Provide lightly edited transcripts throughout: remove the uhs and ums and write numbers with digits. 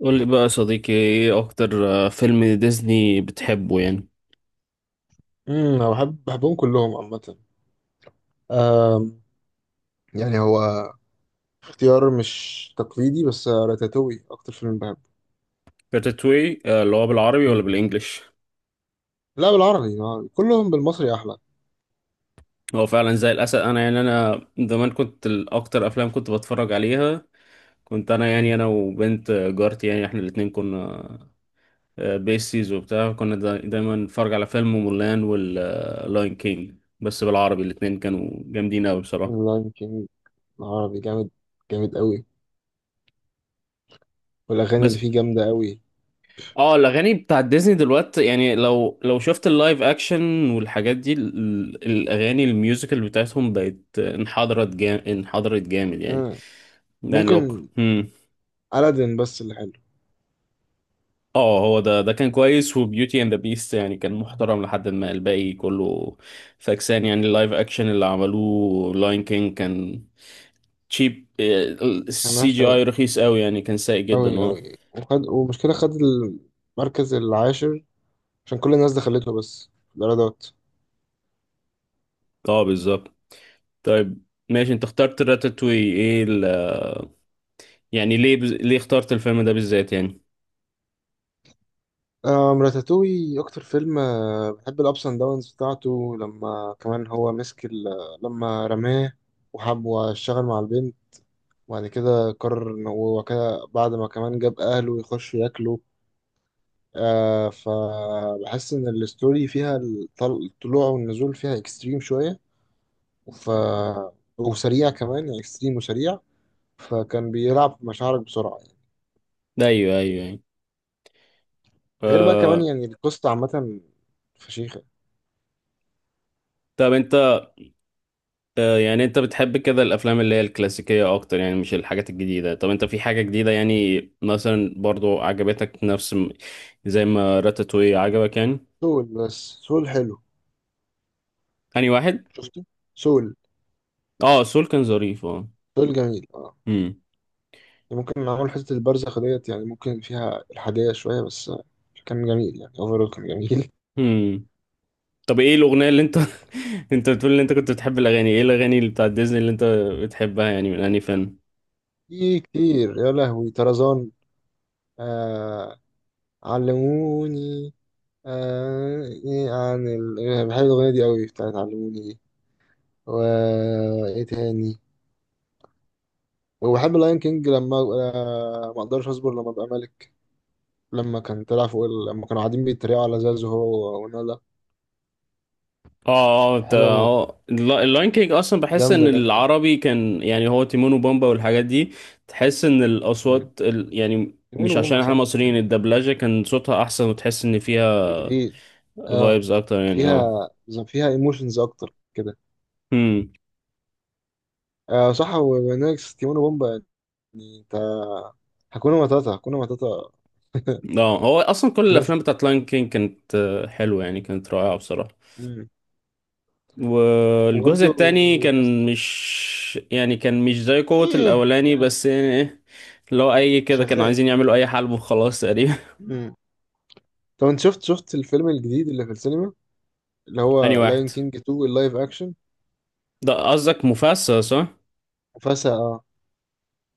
قول لي بقى يا صديقي، ايه اكتر فيلم ديزني بتحبه يعني؟ انا بحبهم كلهم عامة. آم، يعني هو اختيار مش تقليدي، بس راتاتوي اكتر فيلم بحبه. راتاتوي، اللي هو بالعربي ولا مم. بالانجلش؟ لا، بالعربي بالعربي. كلهم بالمصري احلى. هو فعلا زي الاسد. انا يعني زمان كنت الاكتر افلام كنت بتفرج عليها. كنت انا مم. يعني وبنت جارتي، يعني احنا الاتنين كنا بيسيز وبتاع. كنا دايما نتفرج على فيلم مولان واللاين كينج. بس بالعربي الاتنين كانوا جامدين قوي بصراحة. لا يمكن، العربي جامد، جامد قوي، والاغاني اللي بس فيه جامدة قوي. اه الاغاني بتاع ديزني دلوقتي، يعني لو شفت اللايف اكشن والحاجات دي، الاغاني الميوزيكال بتاعتهم بقت انحدرت جامد، انحدرت جامد يعني. مم. يعني لوك. ممكن هم. ألادين بس اللي حلو. اه هو ده كان كويس، وبيوتي اند ذا بيست يعني كان محترم، لحد ما الباقي كله فاكسان. يعني اللايف اكشن اللي عملوه لاين كينج كان تشيب. السي ملهاش جي قوي، اي رخيص قوي يعني، كان سيء جدا. قوي اه قوي، وخد ومشكلة خد المركز العاشر عشان كل الناس دخلته، بس في الإيرادات. اه، بالظبط. طيب، ماشي. انت اخترت راتاتوي، ايه يعني ليه؟ ليه اخترت الفيلم ده بالذات يعني؟ راتاتوي أكتر فيلم، بحب الأبس أند داونز بتاعته لما كمان هو مسك لما رماه وحب واشتغل مع البنت، وبعد كده قرر إن هو كده بعد ما كمان جاب أهله يخش ياكله. فبحس إن الستوري فيها الطلوع والنزول فيها إكستريم شوية. ف... وسريع كمان، يعني إكستريم وسريع، فكان بيلعب بمشاعرك بسرعة يعني. ده ايوه، ايوه يعني. غير بقى كمان آه... يعني القصة عامة فشيخة. طب انت، يعني انت بتحب كده الافلام اللي هي الكلاسيكية اكتر يعني، مش الحاجات الجديدة؟ طب انت في حاجة جديدة يعني، مثلا برضو عجبتك نفس زي ما راتاتوي عجبك يعني؟ سول، بس سول حلو. انهي واحد؟ شفته. سول. اه، سول كان ظريف، اه. سول جميل اه. امم. يعني ممكن معمول حتة البرزخ ديت، يعني ممكن فيها الحادية شوية، بس كان جميل يعني، اوفرول كان جميل. امم. طب ايه الاغنية اللي انت انت بتقول ان انت كنت بتحب الاغاني، ايه الاغاني اللي بتاعت ديزني اللي انت بتحبها يعني؟ من انهي فيلم؟ في كتير يا لهوي. طرزان. آه. علموني. آه إيه عن بحب الأغنية دي قوي بتاعت علموني دي. و ايه تاني؟ وبحب اللاين كينج لما ما اقدرش اصبر لما ابقى ملك. لما كان طلع فوق لما كانوا قاعدين بيتريقوا على زازو هو ونولا. اه اه، حلوة موت، اللاين كينج اصلا بحس ان جامدة جامدة. العربي كان، يعني هو تيمون وبومبا والحاجات دي، تحس ان الاصوات يعني ليمون مش عشان وبومبا احنا صح مصريين، يعني. الدبلجة كان صوتها احسن، وتحس ان فيها كتير. اه. فايبز اكتر يعني، اه. فيها. فيها ايموشنز اكتر كده. امم. صح، ونكس تيمون وبومبا يعني. انت. هكون ماتاتا، هكون ماتاتا. اه، هو اصلا كل كلاسيك. الافلام بتاعت لاين كينج كانت حلوة يعني، كانت رائعة بصراحة. مم. والجزء وبرضه، التاني بس كان مش، يعني كان مش زي قوة ايه الاولاني، يعني. بس يعني ايه؟ لو اي كده كانوا شغال عايزين يعني. يعملوا اي حلب وخلاص تقريبا. مم. طب انت شفت الفيلم الجديد اللي في السينما، اللي انهي هو لاين واحد؟ كينج 2 اللايف اكشن. ده قصدك مفاسة صح؟ فسا اه.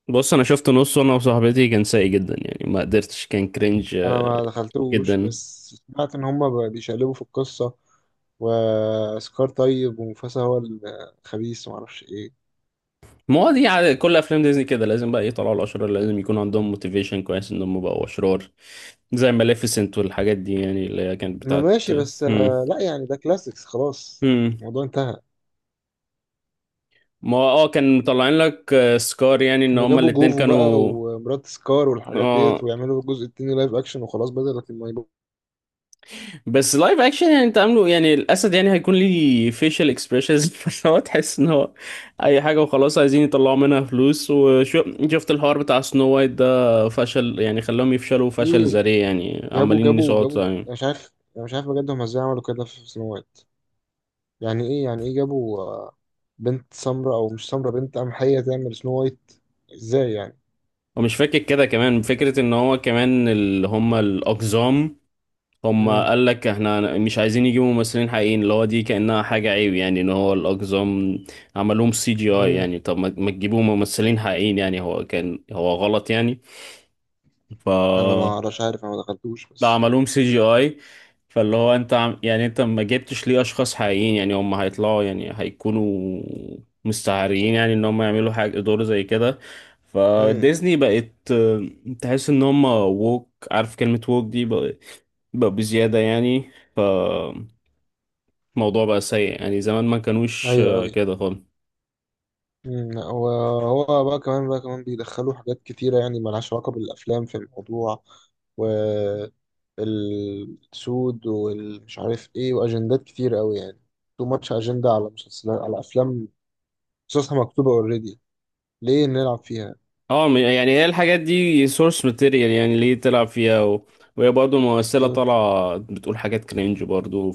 بص، انا شفت نصه انا وصاحبتي، كان سيء جدا يعني، ما قدرتش، كان كرنج انا ما دخلتوش جدا. بس سمعت ان هما بيشقلبوا في القصة، وسكار طيب ومفاسا هو الخبيث ومعرفش ايه. ما هو دي عادة كل افلام ديزني كده، لازم بقى يطلعوا الاشرار، لازم يكون عندهم موتيفيشن كويس انهم بقوا اشرار زي ماليفيسنت والحاجات دي، يعني اللي هي كانت ما بتاعت. ماشي بس، هم. لا يعني ده كلاسيكس خلاص، هم. الموضوع انتهى. ما هو، اه، كان مطلعين لك سكار يعني ان كانوا هما جابوا الاتنين جوفو بقى كانوا، ومرات سكار والحاجات اه. ديت، ويعملوا الجزء التاني لايف اكشن وخلاص، بدل لكن ما يبقوا. بس لايف اكشن يعني، انت عامله يعني الاسد، يعني هيكون ليه فيشل اكسبريشنز فهو تحس ان هو اي حاجه وخلاص، عايزين يطلعوا منها فلوس. وشفت الحوار بتاع سنو وايت ده فشل يعني، خلاهم يفشلوا فشل ليه ذريع يعني، جابوا عمالين جابوا يسقطوا جابوا أنا يعني. مش عارف، انا مش عارف بجد هم ازاي عملوا كده في سنو وايت. يعني ايه جابوا بنت سمراء او مش سمراء، بنت قمحية تعمل سنو وايت، ازاي يعني؟ ومش فاكر كده، كمان فكره ان هو كمان اللي هم الاقزام، هم امم. قال لك احنا مش عايزين يجيبوا ممثلين حقيقيين، اللي هو دي كانها حاجه عيب يعني، ان هو الاقزام عملوهم سي جي اي امم. يعني. طب ما تجيبوا ممثلين حقيقيين يعني؟ هو كان هو غلط يعني. ف انا ما اعرفش، عارف انا ما دخلتوش ده بس. عملوهم سي جي اي. فاللي هو انت يعني انت ما جبتش ليه اشخاص حقيقيين يعني هم هيطلعوا، يعني هيكونوا مستعارين يعني، ان هم يعملوا حاجه دور زي كده. امم. فديزني بقت تحس ان هم ووك، عارف كلمه ووك دي بقى، بقى بزياده يعني. فالموضوع بقى سيء يعني. زمان ما كانوش ايوه أوي. كده خالص. مم. وهو بقى كمان بيدخلوا حاجات كتيرة يعني ملهاش علاقة بالأفلام في الموضوع، والسود والمش عارف إيه، وأجندات كتير أوي يعني. تو ماتش أجندة على مسلسلات، على أفلام، قصصها مكتوبة أوريدي، ليه نلعب فيها؟ يعني هي الحاجات دي سورس ماتيريال يعني ليه تلعب فيها وهي برضه ممثلة بالظبط. طالعة بتقول حاجات كرينج برضه.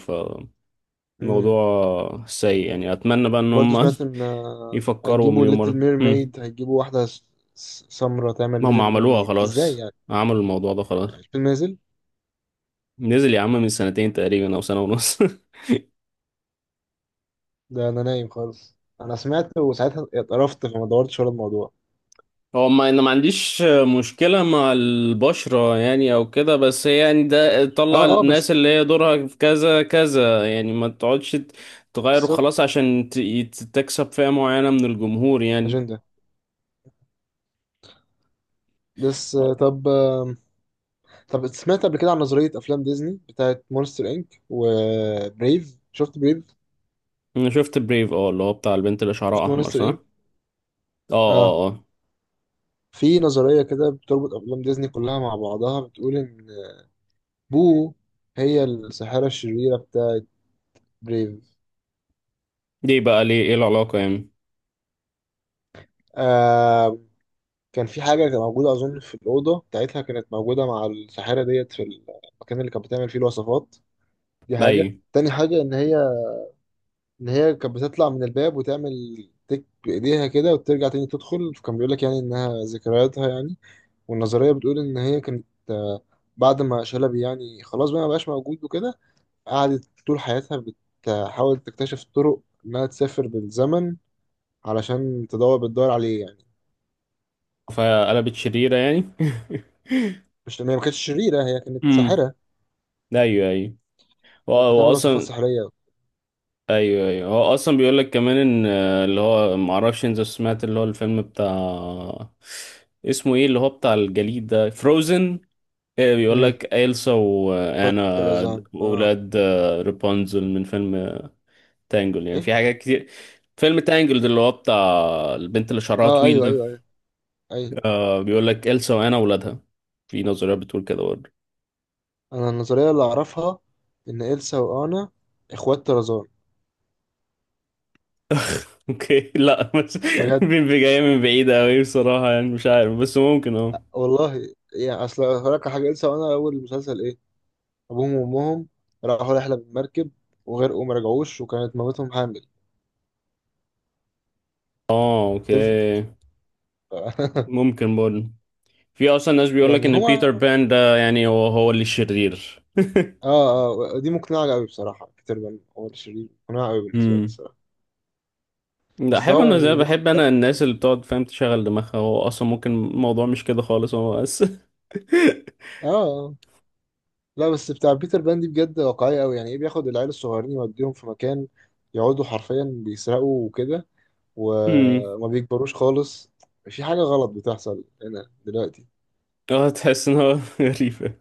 مم. فموضوع سيء يعني، أتمنى بقى إن برضه هم سمعت إن يفكروا هيجيبوا مليون ليتل مرة. هم. ميرميد، هيجيبوا واحدة سمرة تعمل ما هم ليتل عملوها ميرميد إزاي خلاص، يعني؟ عملوا الموضوع ده خلاص. الفيلم نازل؟ نزل يا عم من سنتين تقريبا أو سنة ونص. ده أنا نايم خالص، أنا سمعت وساعتها اتقرفت فما دورتش ورا الموضوع. هو، ما انا ما عنديش مشكلة مع البشرة يعني او كده، بس هي يعني ده اه طلع اه الناس بس. اللي هي دورها في كذا كذا يعني. ما تقعدش تغير بالظبط. وخلاص عشان تكسب فئة معينة من الجمهور يعني. اجنده. بس آه. طب سمعت قبل كده عن نظريه افلام ديزني بتاعت مونستر انك وبريف؟ شفت بريف؟ انا شفت بريف، اه، اللي هو بتاع البنت اللي شعرها شفت احمر مونستر صح؟ انك. اه اه اه. اه، في نظريه كده بتربط افلام ديزني كلها مع بعضها، بتقول ان بو هي الساحره الشريره بتاعت بريف. دي بقى ليه؟ ايه العلاقة يعني؟ آه، كان في حاجه كانت موجوده اظن في الاوضه بتاعتها كانت موجوده مع الساحره ديت في المكان اللي كانت بتعمل فيه الوصفات. دي ده حاجه. ايه؟ تاني حاجه ان هي، اللي هي كانت بتطلع من الباب وتعمل تك بإيديها كده وترجع تاني تدخل، فكان بيقول لك يعني إنها ذكرياتها يعني. والنظرية بتقول إن هي كانت، بعد ما شلبي يعني خلاص بقى ما بقاش موجود وكده، قعدت طول حياتها بتحاول تكتشف طرق إنها تسافر بالزمن علشان تدور، بتدور عليه يعني. فقلبت شريرة يعني؟ مش إن هي ما كانتش شريرة، هي كانت امم. ساحرة ايوه، ايوه. كانت بتعمل وصفات واصلا، سحرية. ايوه، ايوه. هو اصلا بيقول لك كمان ان اللي هو ما اعرفش انت سمعت؟ اللي هو الفيلم بتاع، اسمه ايه، اللي هو بتاع الجليد ده فروزن. ايه بيقول امم. لك إلسا وانا بترزان اه. اولاد رابنزل من فيلم تانجل يعني. ايه. في حاجات كتير. فيلم تانجل ده اللي هو بتاع البنت اللي شعرها اه طويل ايوه ده. ايوه ايوه. ايوه. بيقول لك إلسا وانا اولادها. في نظريات بتقول كده برضه. انا النظريه اللي اعرفها ان إلسا وانا اخوات طرزان. اوكي، لا بس بجد جايه من بعيد قوي بصراحه يعني، مش عارف، بس ممكن اه. والله يعني، اصل هقولك على حاجه، إلسا وانا اول المسلسل ايه، ابوهم وامهم راحوا رحله بالمركب وغرقوا وما رجعوش، وكانت مامتهم حامل. اه، بيرفكت. اوكي. ممكن برضه. في اصلا ناس بيقول لك يعني ان بيتر هما. بان ده، يعني هو، هو اللي الشرير. اه اه. دي مقنعه قوي بصراحه، كتير من عمر الشريف مقنعه قوي بالنسبه لي امم. الصراحه. لا، اصل احب هو انا زي يعني بياخد بحب العيال انا الناس ويوديهم-. اللي بتقعد، فاهم، تشغل دماغها. هو اصلا ممكن الموضوع مش كده خالص. هو بس اه. آه. لا بس بتاع بيتر بان دي بجد واقعيه قوي، يعني ايه بياخد العيال الصغيرين يوديهم في مكان يقعدوا حرفيا بيسرقوا وكده، امم. وما بيكبروش خالص. في حاجة غلط بتحصل هنا دلوقتي. اه، تحس ان هو غريبة.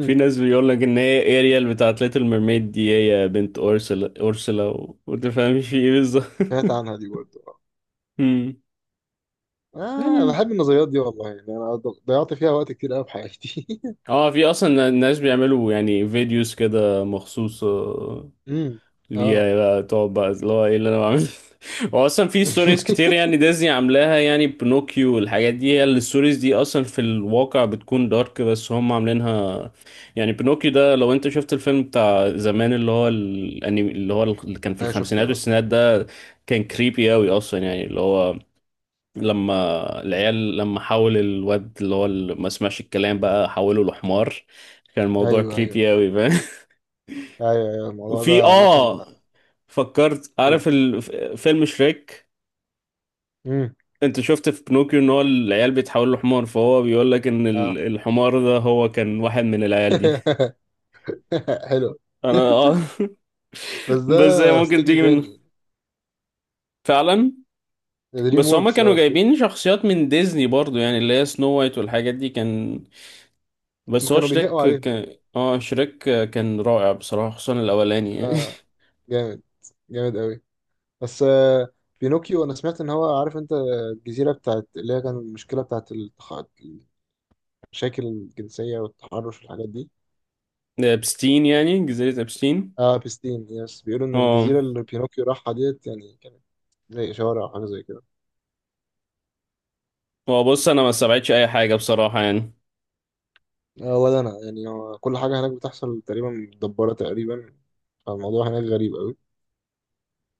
في ناس بيقول لك ان هي اريال بتاعت ليتل ميرميد دي هي بنت اورسلا. وتفهمش في ايه بالظبط. سمعت عنها دي برضه. امم اه، أنا يعني بحب النظريات دي والله يعني، انا ضيعت فيها وقت كتير قوي في حياتي. اه. في اصلا ناس بيعملوا يعني فيديوز كده مخصوص امم. اه. ليها بقى، تقعد بقى اللي هو ايه اللي انا بعمله. هو اصلا في ستوريز كتير يعني ديزني عاملاها يعني بنوكيو والحاجات دي، هي الستوريز دي اصلا في الواقع بتكون دارك بس هم عاملينها يعني. بنوكيو ده لو انت شفت الفيلم بتاع زمان اللي هو الانمي، اللي هو اللي كان في انا شفته الخمسينات اه. والستينات ده، كان كريبي قوي اصلا يعني. اللي هو لما العيال حول الواد اللي هو اللي ما سمعش الكلام، بقى حوله لحمار، كان الموضوع ايوه ايوه كريبي قوي. ايوه، أيوة، الموضوع وفي، ده عامة. فكرت، قول. عارف فيلم شريك؟ امم. انت شفت في بنوكيو ان هو العيال بيتحولوا لحمار، فهو بيقول لك ان اه. الحمار ده هو كان واحد من العيال دي. حلو. انا بس ده بس هي ممكن استوديو تيجي من، تاني، فعلا، يعني دريم بس هما ووركس كانوا اه شركة. جايبين شخصيات من ديزني برضو يعني، اللي هي سنو وايت والحاجات دي، كان. هم بس هو كانوا شريك بيهقوا عليهم. كان، اه، شريك كان رائع بصراحة خصوصا الاولاني يعني. اه. جامد. جامد قوي. بس بينوكيو انا سمعت ان هو عارف انت الجزيره بتاعت اللي هي كان المشكله بتاعت المشاكل الجنسيه والتحرش والحاجات دي. ده ابستين يعني جزيرة ابستين. اه بستين يس، بيقولوا ان اه. الجزيره اللي بينوكيو راحها ديت يعني كانت زي شوارع او حاجه زي كده. هو بص، انا ما استبعدش اي حاجة بصراحة يعني. آه ولا انا يعني هو كل حاجه هناك بتحصل تقريبا، متدبره تقريبا، فالموضوع هناك غريب قوي.